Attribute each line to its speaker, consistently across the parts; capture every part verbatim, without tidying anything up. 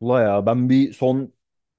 Speaker 1: Ula ya ben bir son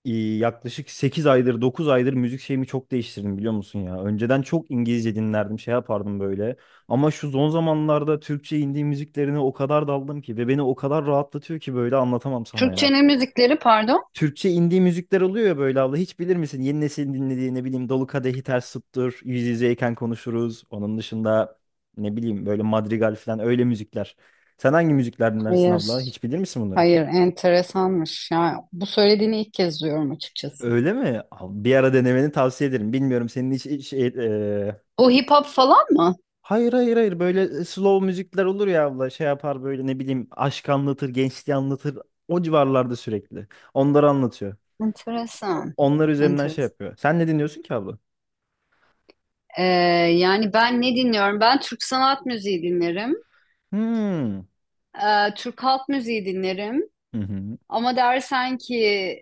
Speaker 1: e, yaklaşık sekiz aydır dokuz aydır müzik şeyimi çok değiştirdim biliyor musun ya. Önceden çok İngilizce dinlerdim şey yapardım böyle. Ama şu son zamanlarda Türkçe indie müziklerine o kadar daldım ki ve beni o kadar rahatlatıyor ki böyle anlatamam sana ya.
Speaker 2: Türkçenin müzikleri pardon.
Speaker 1: Türkçe indie müzikler oluyor ya böyle abla, hiç bilir misin? Yeni nesil dinlediği ne bileyim Dolu Kadehi Ters Tuttur, Yüz Yüzeyken Konuşuruz. Onun dışında ne bileyim böyle Madrigal falan öyle müzikler. Sen hangi müzikler dinlersin
Speaker 2: Hayır,
Speaker 1: abla? Hiç bilir misin bunları?
Speaker 2: hayır, enteresanmış. Yani bu söylediğini ilk kez duyuyorum açıkçası.
Speaker 1: Öyle mi? Abi bir ara denemeni tavsiye ederim. Bilmiyorum senin hiç, hiç şey, e,
Speaker 2: Bu hip hop falan mı?
Speaker 1: hayır hayır hayır böyle slow müzikler olur ya abla, şey yapar böyle ne bileyim, aşk anlatır, gençliği anlatır, o civarlarda sürekli onları anlatıyor,
Speaker 2: Enteresan.
Speaker 1: onlar üzerinden şey
Speaker 2: Enteresan.
Speaker 1: yapıyor, sen ne dinliyorsun ki abla?
Speaker 2: Ee, yani ben ne dinliyorum? Ben Türk sanat müziği dinlerim.
Speaker 1: Hmm.
Speaker 2: Ee, Türk halk müziği dinlerim.
Speaker 1: Hı hı.
Speaker 2: Ama dersen ki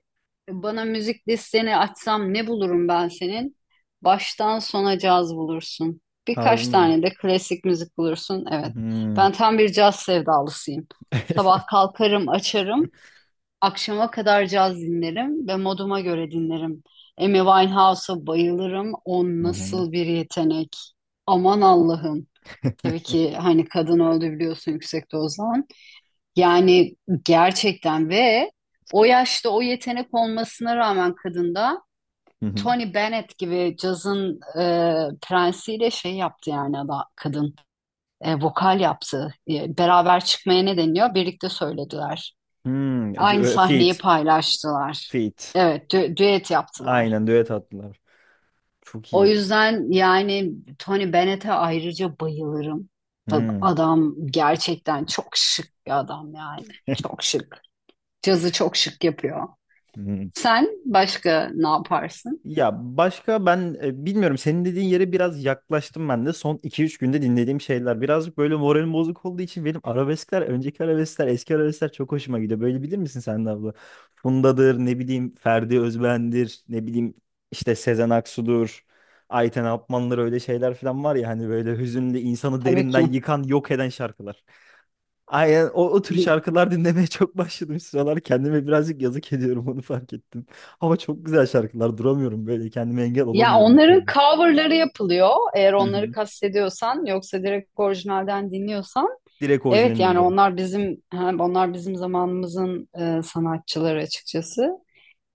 Speaker 2: bana müzik listeni açsam ne bulurum ben senin? Baştan sona caz bulursun.
Speaker 1: Harbi
Speaker 2: Birkaç
Speaker 1: mi?
Speaker 2: tane de klasik müzik bulursun. Evet.
Speaker 1: Hmm.
Speaker 2: Ben tam bir caz sevdalısıyım. Sabah kalkarım, açarım. Akşama kadar caz dinlerim ve moduma göre dinlerim. Amy Winehouse'a bayılırım. O
Speaker 1: Hı hı.
Speaker 2: nasıl bir yetenek. Aman Allah'ım. Tabii ki hani kadın öldü biliyorsun yüksek dozdan. Yani gerçekten ve o yaşta o yetenek olmasına rağmen kadında
Speaker 1: Hı hı.
Speaker 2: Tony Bennett gibi cazın e, prensiyle şey yaptı yani ada, kadın E, vokal yaptı. E, beraber çıkmaya ne deniyor? Birlikte söylediler.
Speaker 1: Hmm.
Speaker 2: Aynı
Speaker 1: Dü- e,
Speaker 2: sahneyi
Speaker 1: Feat.
Speaker 2: paylaştılar.
Speaker 1: Feat.
Speaker 2: Evet, dü- düet yaptılar.
Speaker 1: Aynen düet attılar. Çok
Speaker 2: O
Speaker 1: iyi.
Speaker 2: yüzden yani Tony Bennett'e ayrıca bayılırım. Tabii
Speaker 1: Hmm.
Speaker 2: adam gerçekten çok şık bir adam yani. Çok şık. Cazı çok şık yapıyor. Sen başka ne yaparsın?
Speaker 1: Ya, başka ben e, bilmiyorum, senin dediğin yere biraz yaklaştım ben de. Son iki üç günde dinlediğim şeyler, birazcık böyle moralim bozuk olduğu için, benim arabeskler, önceki arabeskler, eski arabeskler çok hoşuma gidiyor böyle, bilir misin sen de abla? Funda'dır ne bileyim, Ferdi Özben'dir ne bileyim, işte Sezen Aksu'dur, Ayten Apman'dır, öyle şeyler falan var ya hani böyle hüzünlü, insanı
Speaker 2: Tabii
Speaker 1: derinden
Speaker 2: ki.
Speaker 1: yıkan, yok eden şarkılar. Aynen o, o tür
Speaker 2: Bi-
Speaker 1: şarkılar dinlemeye çok başladım şu sıralar. Kendime birazcık yazık ediyorum, onu fark ettim. Ama çok güzel şarkılar, duramıyorum böyle, kendime engel
Speaker 2: Ya
Speaker 1: olamıyorum bir
Speaker 2: onların
Speaker 1: türlü.
Speaker 2: coverları yapılıyor. Eğer
Speaker 1: Hı
Speaker 2: onları
Speaker 1: hı.
Speaker 2: kastediyorsan yoksa direkt orijinalden dinliyorsan.
Speaker 1: Direkt
Speaker 2: Evet
Speaker 1: orijinalini
Speaker 2: yani
Speaker 1: dinliyorum.
Speaker 2: onlar bizim hem onlar bizim zamanımızın e, sanatçıları açıkçası.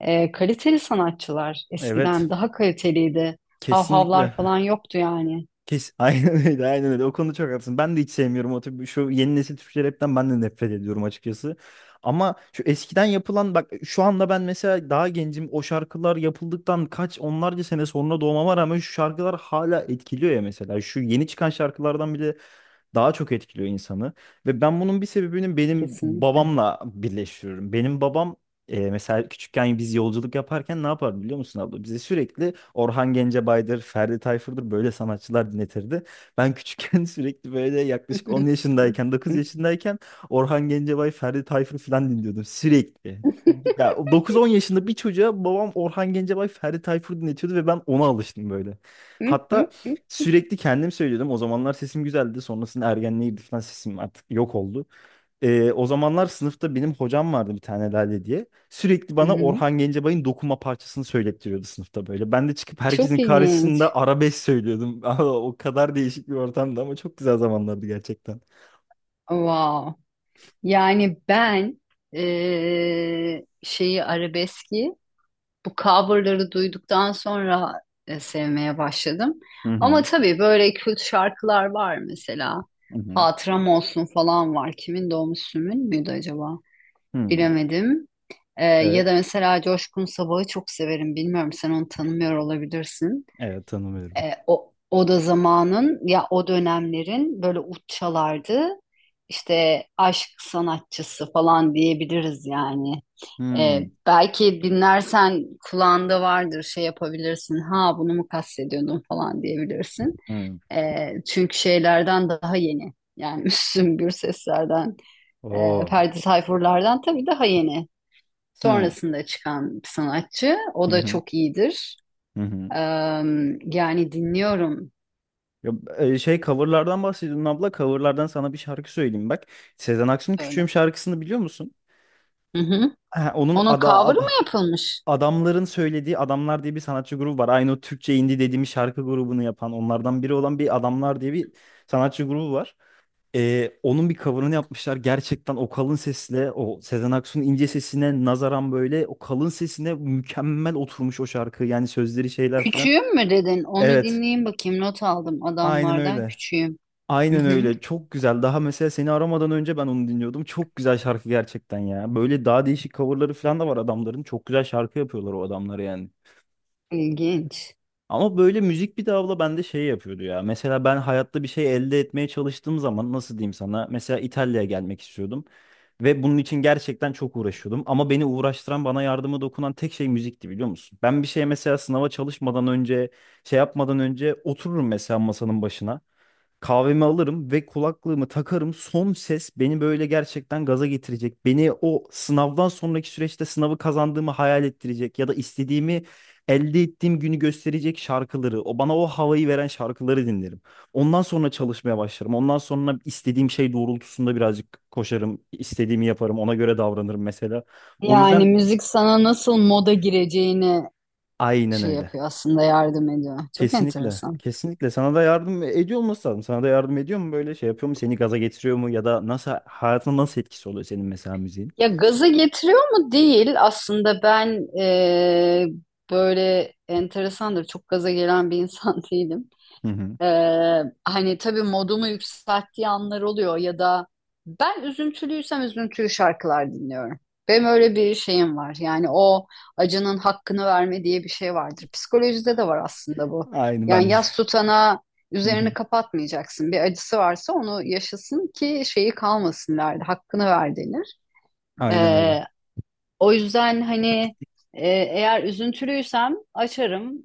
Speaker 2: E, kaliteli sanatçılar.
Speaker 1: Evet.
Speaker 2: Eskiden daha kaliteliydi.
Speaker 1: Kesinlikle.
Speaker 2: Havhavlar falan yoktu yani.
Speaker 1: Kes aynen öyle, aynen öyle. O konuda çok haklısın. Ben de hiç sevmiyorum o tip, şu yeni nesil Türkçe rapten ben de nefret ediyorum açıkçası. Ama şu eskiden yapılan, bak şu anda ben mesela daha gencim, o şarkılar yapıldıktan kaç onlarca sene sonra doğmama rağmen şu şarkılar hala etkiliyor ya mesela. Şu yeni çıkan şarkılardan bile daha çok etkiliyor insanı. Ve ben bunun bir sebebini benim
Speaker 2: Kesinlikle.
Speaker 1: babamla birleştiriyorum. Benim babam e, mesela küçükken biz yolculuk yaparken ne yapardı biliyor musun abla? Bize sürekli Orhan Gencebay'dır, Ferdi Tayfur'dur, böyle sanatçılar dinletirdi. Ben küçükken sürekli böyle, yaklaşık on yaşındayken, dokuz yaşındayken, Orhan Gencebay, Ferdi Tayfur falan dinliyordum sürekli. Ya o dokuz on yaşında bir çocuğa babam Orhan Gencebay, Ferdi Tayfur dinletiyordu ve ben ona alıştım böyle.
Speaker 2: Hı
Speaker 1: Hatta sürekli kendim söylüyordum. O zamanlar sesim güzeldi. Sonrasında ergenliğe girdik falan, sesim artık yok oldu. Ee, o zamanlar sınıfta benim hocam vardı bir tane, Lale diye. Sürekli bana
Speaker 2: hı.
Speaker 1: Orhan Gencebay'ın Dokunma parçasını söylettiriyordu sınıfta böyle. Ben de çıkıp herkesin
Speaker 2: Çok ilginç.
Speaker 1: karşısında arabesk söylüyordum. O kadar değişik bir ortamdı ama çok güzel zamanlardı gerçekten.
Speaker 2: Wow. Yani ben eee, şeyi arabeski bu coverları duyduktan sonra e, sevmeye başladım.
Speaker 1: Hı
Speaker 2: Ama
Speaker 1: hı.
Speaker 2: tabii böyle kült şarkılar var mesela.
Speaker 1: Hı hı.
Speaker 2: Hatıram olsun falan var. Kimin de o Müslüm'ün müydü acaba?
Speaker 1: Hı.
Speaker 2: Bilemedim. Eee, ya
Speaker 1: Evet.
Speaker 2: da mesela Coşkun Sabah'ı çok severim. Bilmiyorum sen onu tanımıyor olabilirsin.
Speaker 1: Evet, tanımıyorum.
Speaker 2: E, o, o da zamanın ya o dönemlerin böyle uççalardı. İşte aşk sanatçısı falan diyebiliriz yani. E,
Speaker 1: Hı.
Speaker 2: belki dinlersen kulağında vardır şey yapabilirsin. Ha bunu mu kastediyordun falan diyebilirsin.
Speaker 1: Hı.
Speaker 2: E, çünkü şeylerden daha yeni. Yani Müslüm Gürseslerden, e,
Speaker 1: Oo.
Speaker 2: Ferdi Tayfurlardan tabii daha yeni.
Speaker 1: Hı.
Speaker 2: Sonrasında çıkan bir sanatçı. O
Speaker 1: Hı
Speaker 2: da
Speaker 1: hı.
Speaker 2: çok iyidir.
Speaker 1: Hı hı.
Speaker 2: Eee, yani dinliyorum.
Speaker 1: Ya, e, şey, coverlardan bahsediyordun abla. Coverlardan sana bir şarkı söyleyeyim bak. Sezen Aksu'nun Küçüğüm
Speaker 2: Söyle.
Speaker 1: şarkısını biliyor musun?
Speaker 2: Hı hı.
Speaker 1: Ha, onun
Speaker 2: Onun
Speaker 1: ada, Ad-
Speaker 2: cover'ı mı yapılmış?
Speaker 1: adamların söylediği, Adamlar diye bir sanatçı grubu var. Aynı o Türkçe indie dediğimiz şarkı grubunu yapan, onlardan biri olan bir Adamlar diye bir sanatçı grubu var. E, onun bir coverını yapmışlar. Gerçekten o kalın sesle, o Sezen Aksu'nun ince sesine nazaran böyle o kalın sesine mükemmel oturmuş o şarkı. Yani sözleri, şeyler filan.
Speaker 2: Küçüğüm mü dedin? Onu
Speaker 1: Evet,
Speaker 2: dinleyeyim bakayım. Not aldım
Speaker 1: aynen
Speaker 2: adamlardan
Speaker 1: öyle.
Speaker 2: küçüğüm. Hı
Speaker 1: Aynen
Speaker 2: hı.
Speaker 1: öyle. Çok güzel. Daha mesela seni aramadan önce ben onu dinliyordum. Çok güzel şarkı gerçekten ya. Böyle daha değişik coverları falan da var adamların. Çok güzel şarkı yapıyorlar o adamlar yani.
Speaker 2: İlginç.
Speaker 1: Ama böyle müzik bir de abla bende şey yapıyordu ya. Mesela ben hayatta bir şey elde etmeye çalıştığım zaman nasıl diyeyim sana? Mesela İtalya'ya gelmek istiyordum ve bunun için gerçekten çok uğraşıyordum. Ama beni uğraştıran, bana yardımı dokunan tek şey müzikti biliyor musun? Ben bir şeye, mesela sınava çalışmadan önce, şey yapmadan önce otururum mesela masanın başına. Kahvemi alırım ve kulaklığımı takarım. Son ses, beni böyle gerçekten gaza getirecek, beni o sınavdan sonraki süreçte sınavı kazandığımı hayal ettirecek ya da istediğimi elde ettiğim günü gösterecek şarkıları, o bana o havayı veren şarkıları dinlerim. Ondan sonra çalışmaya başlarım. Ondan sonra istediğim şey doğrultusunda birazcık koşarım, istediğimi yaparım, ona göre davranırım mesela. O
Speaker 2: Yani
Speaker 1: yüzden
Speaker 2: müzik sana nasıl moda gireceğini
Speaker 1: aynen
Speaker 2: şey
Speaker 1: öyle.
Speaker 2: yapıyor aslında, yardım ediyor. Çok
Speaker 1: Kesinlikle.
Speaker 2: enteresan.
Speaker 1: Kesinlikle. Sana da yardım ediyor olması lazım. Sana da yardım ediyor mu böyle, şey yapıyor mu, seni gaza getiriyor mu? Ya da nasıl, hayatına nasıl etkisi oluyor senin mesela müziğin?
Speaker 2: Ya gaza getiriyor mu? Değil. Aslında ben eee, böyle enteresandır. Çok gaza gelen bir insan değilim.
Speaker 1: Hı hı.
Speaker 2: Ee, hani tabii modumu yükselttiği anlar oluyor ya da ben üzüntülüysem üzüntülü şarkılar dinliyorum. Benim öyle bir şeyim var. Yani o acının hakkını verme diye bir şey vardır. Psikolojide de var aslında bu.
Speaker 1: Aynı
Speaker 2: Yani
Speaker 1: ben.
Speaker 2: yas tutana
Speaker 1: Hı
Speaker 2: üzerini
Speaker 1: hı.
Speaker 2: kapatmayacaksın. Bir acısı varsa onu yaşasın ki şeyi kalmasın derdi. Hakkını ver denir.
Speaker 1: Aynen öyle.
Speaker 2: Ee, o yüzden hani e, eğer üzüntülüysem açarım.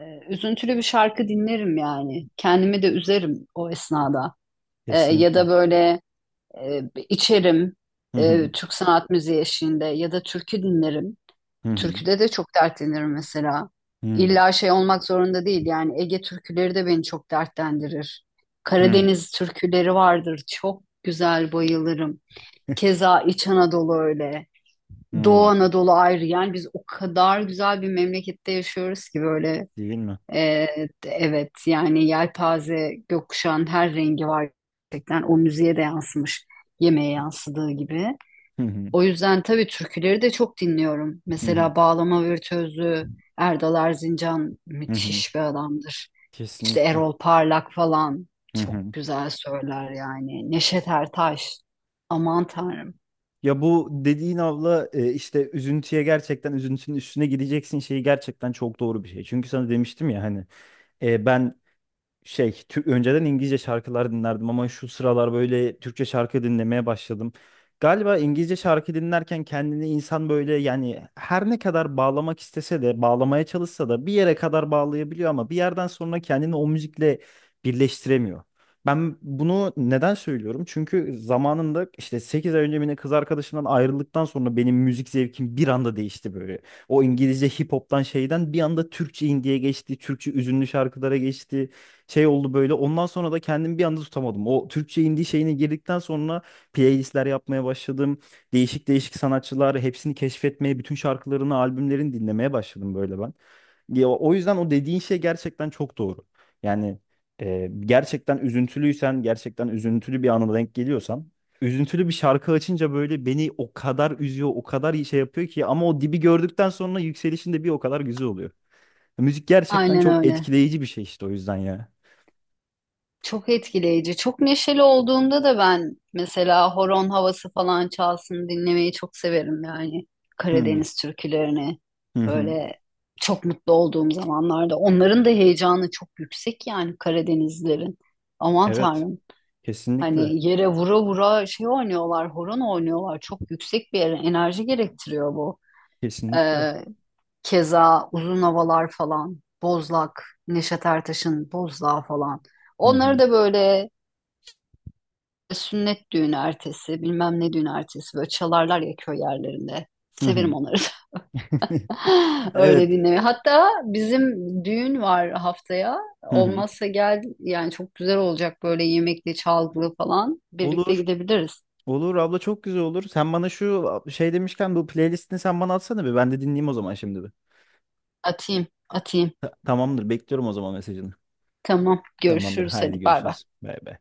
Speaker 2: E, üzüntülü bir şarkı dinlerim yani. Kendimi de üzerim o esnada. E, ya
Speaker 1: Kesinlikle.
Speaker 2: da böyle e, içerim
Speaker 1: Hı hı.
Speaker 2: e, Türk sanat müziği eşliğinde ya da türkü dinlerim.
Speaker 1: Hı hı.
Speaker 2: Türküde de çok dertlenirim mesela.
Speaker 1: Hı
Speaker 2: İlla şey olmak zorunda değil yani Ege türküleri de beni çok dertlendirir.
Speaker 1: hı.
Speaker 2: Karadeniz türküleri vardır çok güzel, bayılırım. Keza İç Anadolu öyle. Doğu
Speaker 1: Hı.
Speaker 2: Anadolu ayrı yani biz o kadar güzel bir memlekette yaşıyoruz ki böyle
Speaker 1: Değil mi?
Speaker 2: e, evet yani yelpaze gökkuşağın her rengi var gerçekten, o müziğe de yansımış yemeğe yansıdığı gibi.
Speaker 1: Hı hı.
Speaker 2: O yüzden tabii türküleri de çok dinliyorum.
Speaker 1: Hı hı.
Speaker 2: Mesela Bağlama Virtüözü Erdal Erzincan
Speaker 1: Hı hı.
Speaker 2: müthiş bir adamdır. İşte
Speaker 1: Kesinlikle.
Speaker 2: Erol Parlak falan
Speaker 1: Hı hı.
Speaker 2: çok güzel söyler yani. Neşet Ertaş, aman tanrım,
Speaker 1: Ya bu dediğin abla, e, işte üzüntüye gerçekten, üzüntünün üstüne gideceksin şeyi, gerçekten çok doğru bir şey. Çünkü sana demiştim ya hani, e, ben şey Türk önceden İngilizce şarkılar dinlerdim ama şu sıralar böyle Türkçe şarkı dinlemeye başladım. Galiba İngilizce şarkı dinlerken kendini insan böyle, yani her ne kadar bağlamak istese de, bağlamaya çalışsa da bir yere kadar bağlayabiliyor ama bir yerden sonra kendini o müzikle birleştiremiyor. Ben bunu neden söylüyorum? Çünkü zamanında, işte sekiz ay önce, benim kız arkadaşımdan ayrıldıktan sonra benim müzik zevkim bir anda değişti böyle. O İngilizce hip hop'tan, şeyden bir anda Türkçe indie'ye geçti, Türkçe üzünlü şarkılara geçti. Şey oldu böyle. Ondan sonra da kendimi bir anda tutamadım. O Türkçe indie şeyine girdikten sonra playlistler yapmaya başladım. Değişik değişik sanatçılar, hepsini keşfetmeye, bütün şarkılarını, albümlerini dinlemeye başladım böyle ben. Ya, o yüzden o dediğin şey gerçekten çok doğru. Yani e, gerçekten üzüntülüysen, gerçekten üzüntülü bir ana denk geliyorsan, üzüntülü bir şarkı açınca böyle beni o kadar üzüyor, o kadar iyi şey yapıyor ki, ama o dibi gördükten sonra yükselişin de bir o kadar güzel oluyor. Müzik gerçekten
Speaker 2: aynen
Speaker 1: çok
Speaker 2: öyle.
Speaker 1: etkileyici bir şey işte, o yüzden ya.
Speaker 2: Çok etkileyici. Çok neşeli olduğumda da ben mesela horon havası falan çalsın dinlemeyi çok severim yani.
Speaker 1: Hı
Speaker 2: Karadeniz türkülerini
Speaker 1: hı hı.
Speaker 2: böyle çok mutlu olduğum zamanlarda. Onların da heyecanı çok yüksek yani Karadenizlerin. Aman
Speaker 1: Evet,
Speaker 2: Tanrım.
Speaker 1: kesinlikle.
Speaker 2: Hani yere vura vura şey oynuyorlar, horon oynuyorlar. Çok yüksek bir enerji gerektiriyor bu.
Speaker 1: Kesinlikle.
Speaker 2: Ee, keza uzun havalar falan. Bozlak, Neşet Ertaş'ın Bozdağ falan.
Speaker 1: Hı
Speaker 2: Onları
Speaker 1: hı.
Speaker 2: da böyle e, sünnet düğünü ertesi, bilmem ne düğünü ertesi böyle çalarlar ya köy yerlerinde.
Speaker 1: Hı
Speaker 2: Severim
Speaker 1: hı.
Speaker 2: onları da. Öyle
Speaker 1: Evet.
Speaker 2: dinlemeyi. Hatta bizim düğün var haftaya.
Speaker 1: Hı hı.
Speaker 2: Olmazsa gel yani çok güzel olacak böyle yemekli, çalgılı falan. Birlikte
Speaker 1: Olur.
Speaker 2: gidebiliriz.
Speaker 1: Olur abla, çok güzel olur. Sen bana şu şey demişken bu playlistini sen bana atsana bir. Ben de dinleyeyim o zaman şimdi bir.
Speaker 2: Atayım, atayım.
Speaker 1: Ta- tamamdır. Bekliyorum o zaman mesajını.
Speaker 2: Tamam,
Speaker 1: Tamamdır.
Speaker 2: görüşürüz.
Speaker 1: Haydi
Speaker 2: Hadi bay bay.
Speaker 1: görüşürüz. Bay bay.